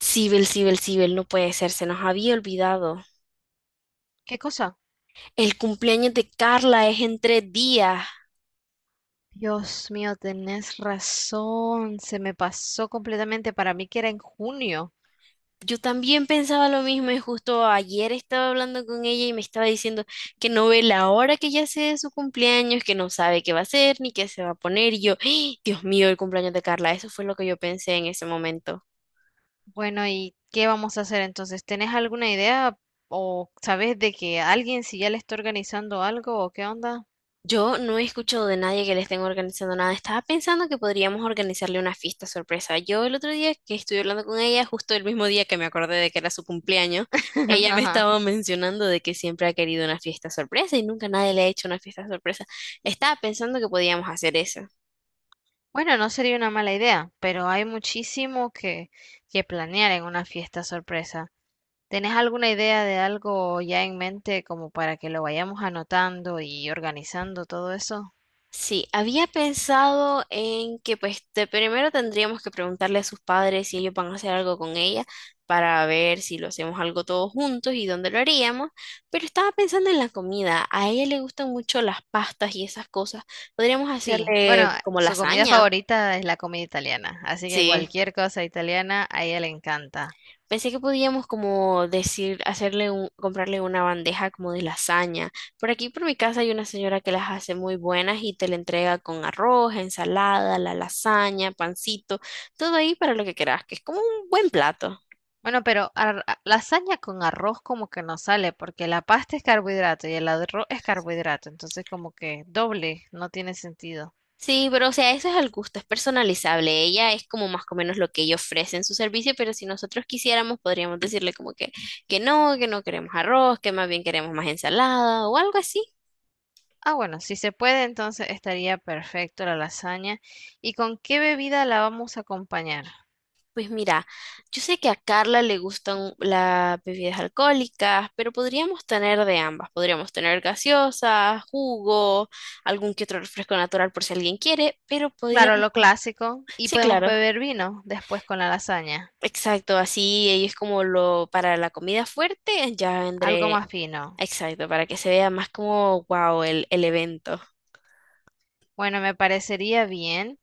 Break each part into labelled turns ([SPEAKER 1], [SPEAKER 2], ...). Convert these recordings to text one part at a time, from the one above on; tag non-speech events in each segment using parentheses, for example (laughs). [SPEAKER 1] Sibel, Sibel, Sibel, no puede ser, se nos había olvidado.
[SPEAKER 2] ¿Qué cosa?
[SPEAKER 1] El cumpleaños de Carla es en tres días.
[SPEAKER 2] Dios mío, tenés razón. Se me pasó completamente para mí que era en junio.
[SPEAKER 1] Yo también pensaba lo mismo y justo ayer estaba hablando con ella y me estaba diciendo que no ve la hora que ya sea de su cumpleaños, que no sabe qué va a hacer ni qué se va a poner. Y yo, ¡ay! Dios mío, el cumpleaños de Carla, eso fue lo que yo pensé en ese momento.
[SPEAKER 2] Bueno, ¿y qué vamos a hacer entonces? ¿Tenés alguna idea o sabés de que alguien si ya le está organizando algo o qué onda?
[SPEAKER 1] Yo no he escuchado de nadie que le estén organizando nada. Estaba pensando que podríamos organizarle una fiesta sorpresa. Yo el otro día que estuve hablando con ella, justo el mismo día que me acordé de que era su cumpleaños,
[SPEAKER 2] (laughs)
[SPEAKER 1] ella me
[SPEAKER 2] Ajá.
[SPEAKER 1] estaba mencionando de que siempre ha querido una fiesta sorpresa y nunca nadie le ha hecho una fiesta sorpresa. Estaba pensando que podíamos hacer eso.
[SPEAKER 2] Bueno, no sería una mala idea, pero hay muchísimo que planear en una fiesta sorpresa. ¿Tenés alguna idea de algo ya en mente como para que lo vayamos anotando y organizando todo eso?
[SPEAKER 1] Sí, había pensado en que pues de primero tendríamos que preguntarle a sus padres si ellos van a hacer algo con ella para ver si lo hacemos algo todos juntos y dónde lo haríamos, pero estaba pensando en la comida. A ella le gustan mucho las pastas y esas cosas. Podríamos
[SPEAKER 2] Sí, bueno,
[SPEAKER 1] hacerle como
[SPEAKER 2] su comida
[SPEAKER 1] lasaña.
[SPEAKER 2] favorita es la comida italiana, así que
[SPEAKER 1] Sí.
[SPEAKER 2] cualquier cosa italiana a ella le encanta.
[SPEAKER 1] Pensé que podíamos como decir, hacerle un, comprarle una bandeja como de lasaña. Por aquí por mi casa hay una señora que las hace muy buenas y te la entrega con arroz, ensalada, la lasaña, pancito, todo ahí para lo que quieras, que es como un buen plato.
[SPEAKER 2] Bueno, pero lasaña con arroz como que no sale, porque la pasta es carbohidrato y el arroz es carbohidrato, entonces como que doble, no tiene sentido.
[SPEAKER 1] Sí, pero o sea, eso es al gusto, es personalizable. Ella es como más o menos lo que ella ofrece en su servicio, pero si nosotros quisiéramos, podríamos decirle como que no, que no queremos arroz, que más bien queremos más ensalada o algo así.
[SPEAKER 2] Ah, bueno, si se puede, entonces estaría perfecto la lasaña. ¿Y con qué bebida la vamos a acompañar?
[SPEAKER 1] Pues mira, yo sé que a Carla le gustan las bebidas alcohólicas, pero podríamos tener de ambas. Podríamos tener gaseosa, jugo, algún que otro refresco natural por si alguien quiere, pero
[SPEAKER 2] Claro, lo clásico, y
[SPEAKER 1] Sí,
[SPEAKER 2] podemos
[SPEAKER 1] claro,
[SPEAKER 2] beber vino después con la lasaña,
[SPEAKER 1] exacto, así ella es como lo para la comida fuerte, ya
[SPEAKER 2] algo
[SPEAKER 1] vendré,
[SPEAKER 2] más fino.
[SPEAKER 1] exacto, para que se vea más como, wow, el evento.
[SPEAKER 2] Bueno, me parecería bien.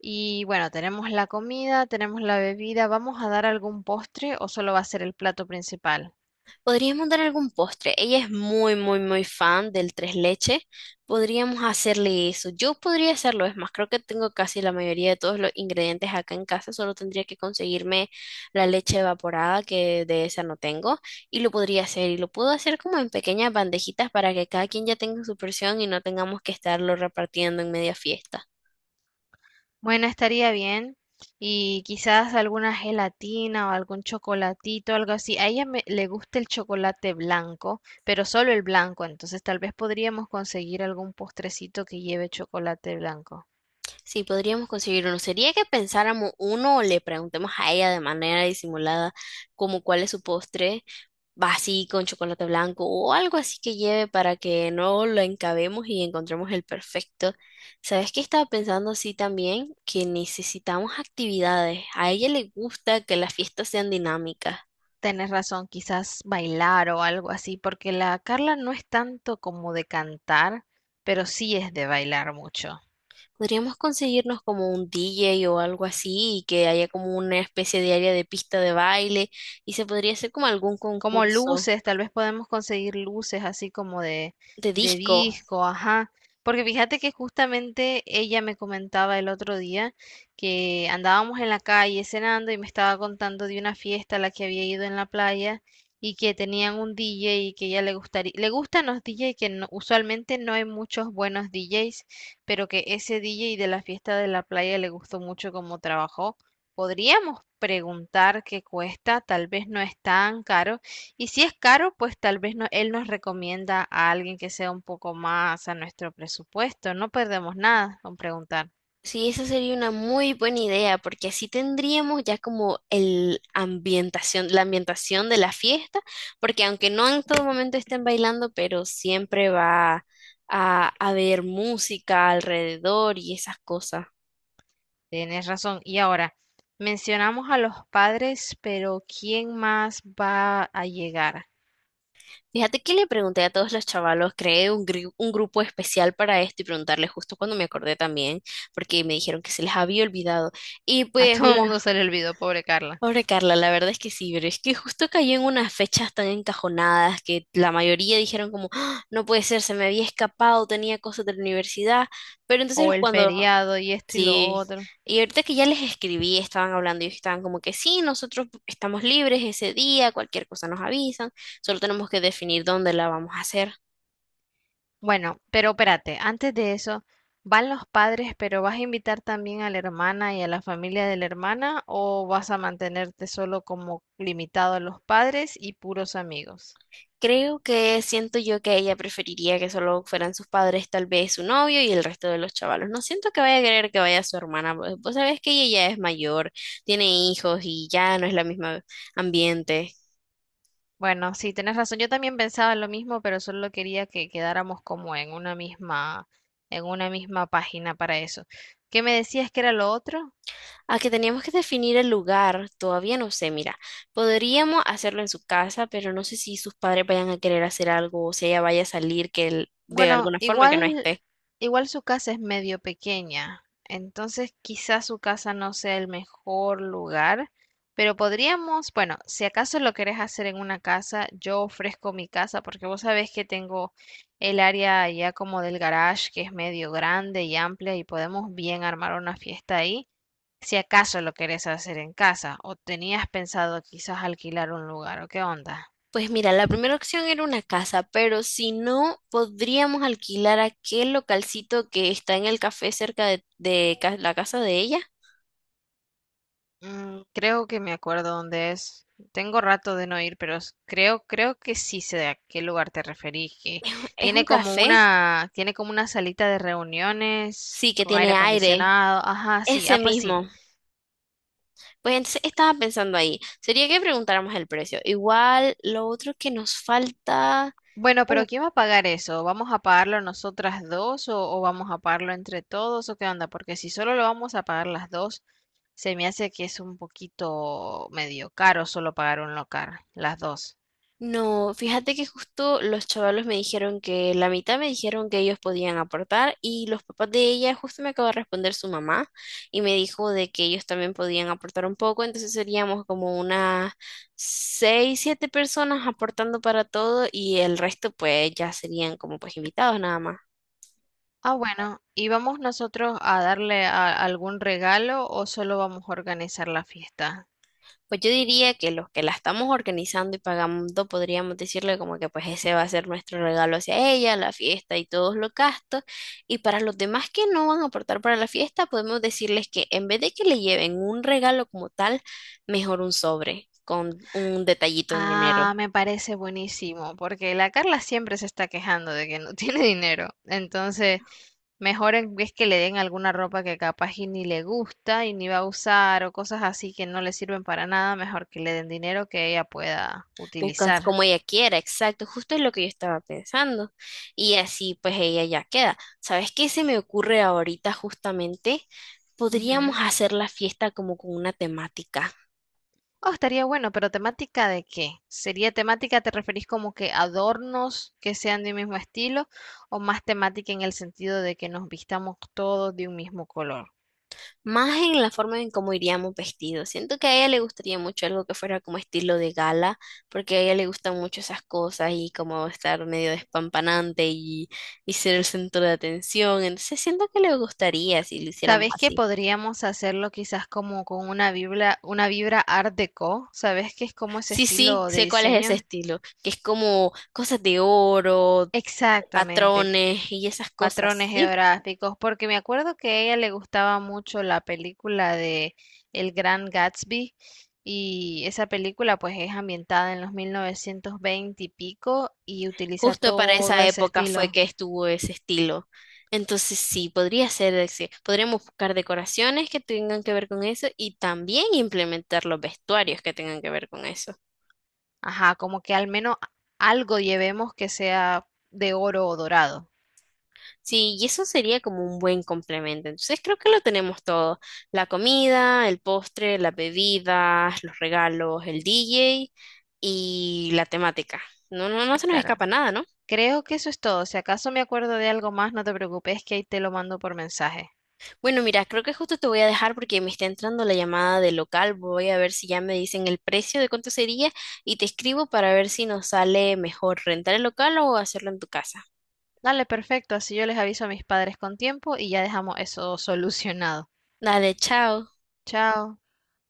[SPEAKER 2] Y bueno, tenemos la comida, tenemos la bebida. ¿Vamos a dar algún postre o solo va a ser el plato principal?
[SPEAKER 1] Podríamos dar algún postre. Ella es muy, muy, muy fan del tres leche. Podríamos hacerle eso. Yo podría hacerlo. Es más, creo que tengo casi la mayoría de todos los ingredientes acá en casa. Solo tendría que conseguirme la leche evaporada, que de esa no tengo. Y lo podría hacer. Y lo puedo hacer como en pequeñas bandejitas para que cada quien ya tenga su porción y no tengamos que estarlo repartiendo en media fiesta.
[SPEAKER 2] Bueno, estaría bien. Y quizás alguna gelatina o algún chocolatito, algo así. A ella le gusta el chocolate blanco, pero solo el blanco. Entonces tal vez podríamos conseguir algún postrecito que lleve chocolate blanco.
[SPEAKER 1] Sí, podríamos conseguir uno. Sería que pensáramos uno o le preguntemos a ella de manera disimulada como cuál es su postre, va así con chocolate blanco o algo así que lleve para que no lo encabemos y encontremos el perfecto. ¿Sabes qué estaba pensando así también? Que necesitamos actividades. A ella le gusta que las fiestas sean dinámicas.
[SPEAKER 2] Tenés razón, quizás bailar o algo así, porque la Carla no es tanto como de cantar, pero sí es de bailar mucho.
[SPEAKER 1] Podríamos conseguirnos como un DJ o algo así y que haya como una especie de área de pista de baile y se podría hacer como algún
[SPEAKER 2] Como
[SPEAKER 1] concurso
[SPEAKER 2] luces, tal vez podemos conseguir luces así como de,
[SPEAKER 1] de disco.
[SPEAKER 2] disco, ajá. Porque fíjate que justamente ella me comentaba el otro día que andábamos en la calle cenando y me estaba contando de una fiesta a la que había ido en la playa y que tenían un DJ y que ella le gustaría, le gustan los DJ que no- usualmente no hay muchos buenos DJs, pero que ese DJ de la fiesta de la playa le gustó mucho cómo trabajó. Podríamos preguntar qué cuesta, tal vez no es tan caro y si es caro, pues tal vez no, él nos recomienda a alguien que sea un poco más a nuestro presupuesto. No perdemos nada con preguntar.
[SPEAKER 1] Sí, esa sería una muy buena idea, porque así tendríamos ya como el ambientación, la ambientación de la fiesta, porque aunque no en todo momento estén bailando, pero siempre va a haber música alrededor y esas cosas.
[SPEAKER 2] Tienes razón. Y ahora, mencionamos a los padres, pero ¿quién más va a llegar?
[SPEAKER 1] Fíjate que le pregunté a todos los chavalos, creé un, un grupo especial para esto y preguntarles justo cuando me acordé también, porque me dijeron que se les había olvidado. Y
[SPEAKER 2] A
[SPEAKER 1] pues
[SPEAKER 2] todo el mundo se le olvidó, pobre Carla.
[SPEAKER 1] pobre Carla, la verdad es que sí, pero es que justo cayó en unas fechas tan encajonadas que la mayoría dijeron como, "Ah, no puede ser, se me había escapado, tenía cosas de la universidad, pero
[SPEAKER 2] O el feriado y esto y lo
[SPEAKER 1] sí,
[SPEAKER 2] otro.
[SPEAKER 1] y ahorita que ya les escribí, estaban hablando y ellos estaban como que sí, nosotros estamos libres ese día, cualquier cosa nos avisan, solo tenemos que definir dónde la vamos a hacer.
[SPEAKER 2] Bueno, pero espérate, antes de eso, ¿van los padres, pero vas a invitar también a la hermana y a la familia de la hermana o vas a mantenerte solo como limitado a los padres y puros amigos?
[SPEAKER 1] Creo que siento yo que ella preferiría que solo fueran sus padres, tal vez su novio y el resto de los chavalos. No siento que vaya a querer que vaya su hermana. Vos sabés que ella ya es mayor, tiene hijos y ya no es la misma ambiente.
[SPEAKER 2] Bueno, sí, tenés razón. Yo también pensaba lo mismo, pero solo quería que quedáramos como en una misma página para eso. ¿Qué me decías que era lo otro?
[SPEAKER 1] A que teníamos que definir el lugar, todavía no sé, mira, podríamos hacerlo en su casa, pero no sé si sus padres vayan a querer hacer algo o si ella vaya a salir de
[SPEAKER 2] Bueno,
[SPEAKER 1] alguna forma que no
[SPEAKER 2] igual,
[SPEAKER 1] esté.
[SPEAKER 2] igual su casa es medio pequeña, entonces quizás su casa no sea el mejor lugar, pero podríamos, bueno, si acaso lo querés hacer en una casa, yo ofrezco mi casa porque vos sabés que tengo el área ya como del garage que es medio grande y amplia y podemos bien armar una fiesta ahí, si acaso lo querés hacer en casa o tenías pensado quizás alquilar un lugar o qué onda.
[SPEAKER 1] Pues mira, la primera opción era una casa, pero si no, podríamos alquilar aquel localcito que está en el café cerca de, la casa de ella.
[SPEAKER 2] Mm, creo que me acuerdo dónde es. Tengo rato de no ir, pero creo, que sí sé a qué lugar te referís. Que
[SPEAKER 1] Es un café,
[SPEAKER 2] tiene como una salita de reuniones
[SPEAKER 1] sí, que
[SPEAKER 2] con aire
[SPEAKER 1] tiene aire,
[SPEAKER 2] acondicionado. Ajá, sí. Ah,
[SPEAKER 1] ese
[SPEAKER 2] pues sí.
[SPEAKER 1] mismo. Pues entonces estaba pensando ahí, sería que preguntáramos el precio. Igual, lo otro que nos falta.
[SPEAKER 2] Bueno, pero ¿quién va a pagar eso? ¿Vamos a pagarlo nosotras dos o vamos a pagarlo entre todos o qué onda? Porque si solo lo vamos a pagar las dos, se me hace que es un poquito medio caro solo pagar un local, las dos.
[SPEAKER 1] No, fíjate que justo los chavalos me dijeron que la mitad me dijeron que ellos podían aportar y los papás de ella, justo me acaba de responder su mamá y me dijo de que ellos también podían aportar un poco, entonces seríamos como unas seis, siete personas aportando para todo y el resto pues ya serían como pues invitados nada más.
[SPEAKER 2] Ah, bueno, ¿y vamos nosotros a darle algún regalo o solo vamos a organizar la fiesta?
[SPEAKER 1] Pues yo diría que los que la estamos organizando y pagando podríamos decirle como que pues ese va a ser nuestro regalo hacia ella, la fiesta y todos los gastos. Y para los demás que no van a aportar para la fiesta, podemos decirles que en vez de que le lleven un regalo como tal, mejor un sobre con un detallito en
[SPEAKER 2] Ah,
[SPEAKER 1] dinero.
[SPEAKER 2] me parece buenísimo, porque la Carla siempre se está quejando de que no (laughs) tiene dinero. Entonces, mejor en vez que le den alguna ropa que capaz y ni le gusta y ni va a usar o cosas así que no le sirven para nada, mejor que le den dinero que ella pueda
[SPEAKER 1] Buscas
[SPEAKER 2] utilizar.
[SPEAKER 1] como ella quiera, exacto, justo es lo que yo estaba pensando. Y así pues ella ya queda. ¿Sabes qué se me ocurre ahorita justamente? Podríamos
[SPEAKER 2] Ujú.
[SPEAKER 1] hacer la fiesta como con una temática.
[SPEAKER 2] Oh, estaría bueno, pero ¿temática de qué? ¿Sería temática, te referís como que adornos que sean de un mismo estilo o más temática en el sentido de que nos vistamos todos de un mismo color?
[SPEAKER 1] Más en la forma en cómo iríamos vestidos. Siento que a ella le gustaría mucho algo que fuera como estilo de gala, porque a ella le gustan mucho esas cosas y como estar medio despampanante y ser el centro de atención. Entonces siento que le gustaría si lo hiciéramos
[SPEAKER 2] ¿Sabés que
[SPEAKER 1] así.
[SPEAKER 2] podríamos hacerlo quizás como con una vibra Art Deco? ¿Sabés qué es como ese
[SPEAKER 1] Sí, sí,
[SPEAKER 2] estilo de
[SPEAKER 1] sé cuál es ese
[SPEAKER 2] diseño?
[SPEAKER 1] estilo, que es como cosas de oro,
[SPEAKER 2] Exactamente,
[SPEAKER 1] patrones y esas cosas,
[SPEAKER 2] patrones
[SPEAKER 1] sí.
[SPEAKER 2] geográficos, porque me acuerdo que a ella le gustaba mucho la película de El Gran Gatsby y esa película pues es ambientada en los 1920 y pico y utiliza
[SPEAKER 1] Justo para esa
[SPEAKER 2] todo ese
[SPEAKER 1] época fue
[SPEAKER 2] estilo.
[SPEAKER 1] que estuvo ese estilo. Entonces sí, podría ser, podríamos buscar decoraciones que tengan que ver con eso y también implementar los vestuarios que tengan que ver con eso.
[SPEAKER 2] Ajá, como que al menos algo llevemos que sea de oro o dorado.
[SPEAKER 1] Sí, y eso sería como un buen complemento. Entonces creo que lo tenemos todo. La comida, el postre, las bebidas, los regalos, el DJ y la temática. No, no, no se nos
[SPEAKER 2] Claro.
[SPEAKER 1] escapa nada, ¿no?
[SPEAKER 2] Creo que eso es todo. Si acaso me acuerdo de algo más, no te preocupes, que ahí te lo mando por mensaje.
[SPEAKER 1] Bueno, mira, creo que justo te voy a dejar porque me está entrando la llamada del local. Voy a ver si ya me dicen el precio de cuánto sería y te escribo para ver si nos sale mejor rentar el local o hacerlo en tu casa.
[SPEAKER 2] Dale, perfecto. Así yo les aviso a mis padres con tiempo y ya dejamos eso (laughs) solucionado.
[SPEAKER 1] Dale, chao.
[SPEAKER 2] Chao.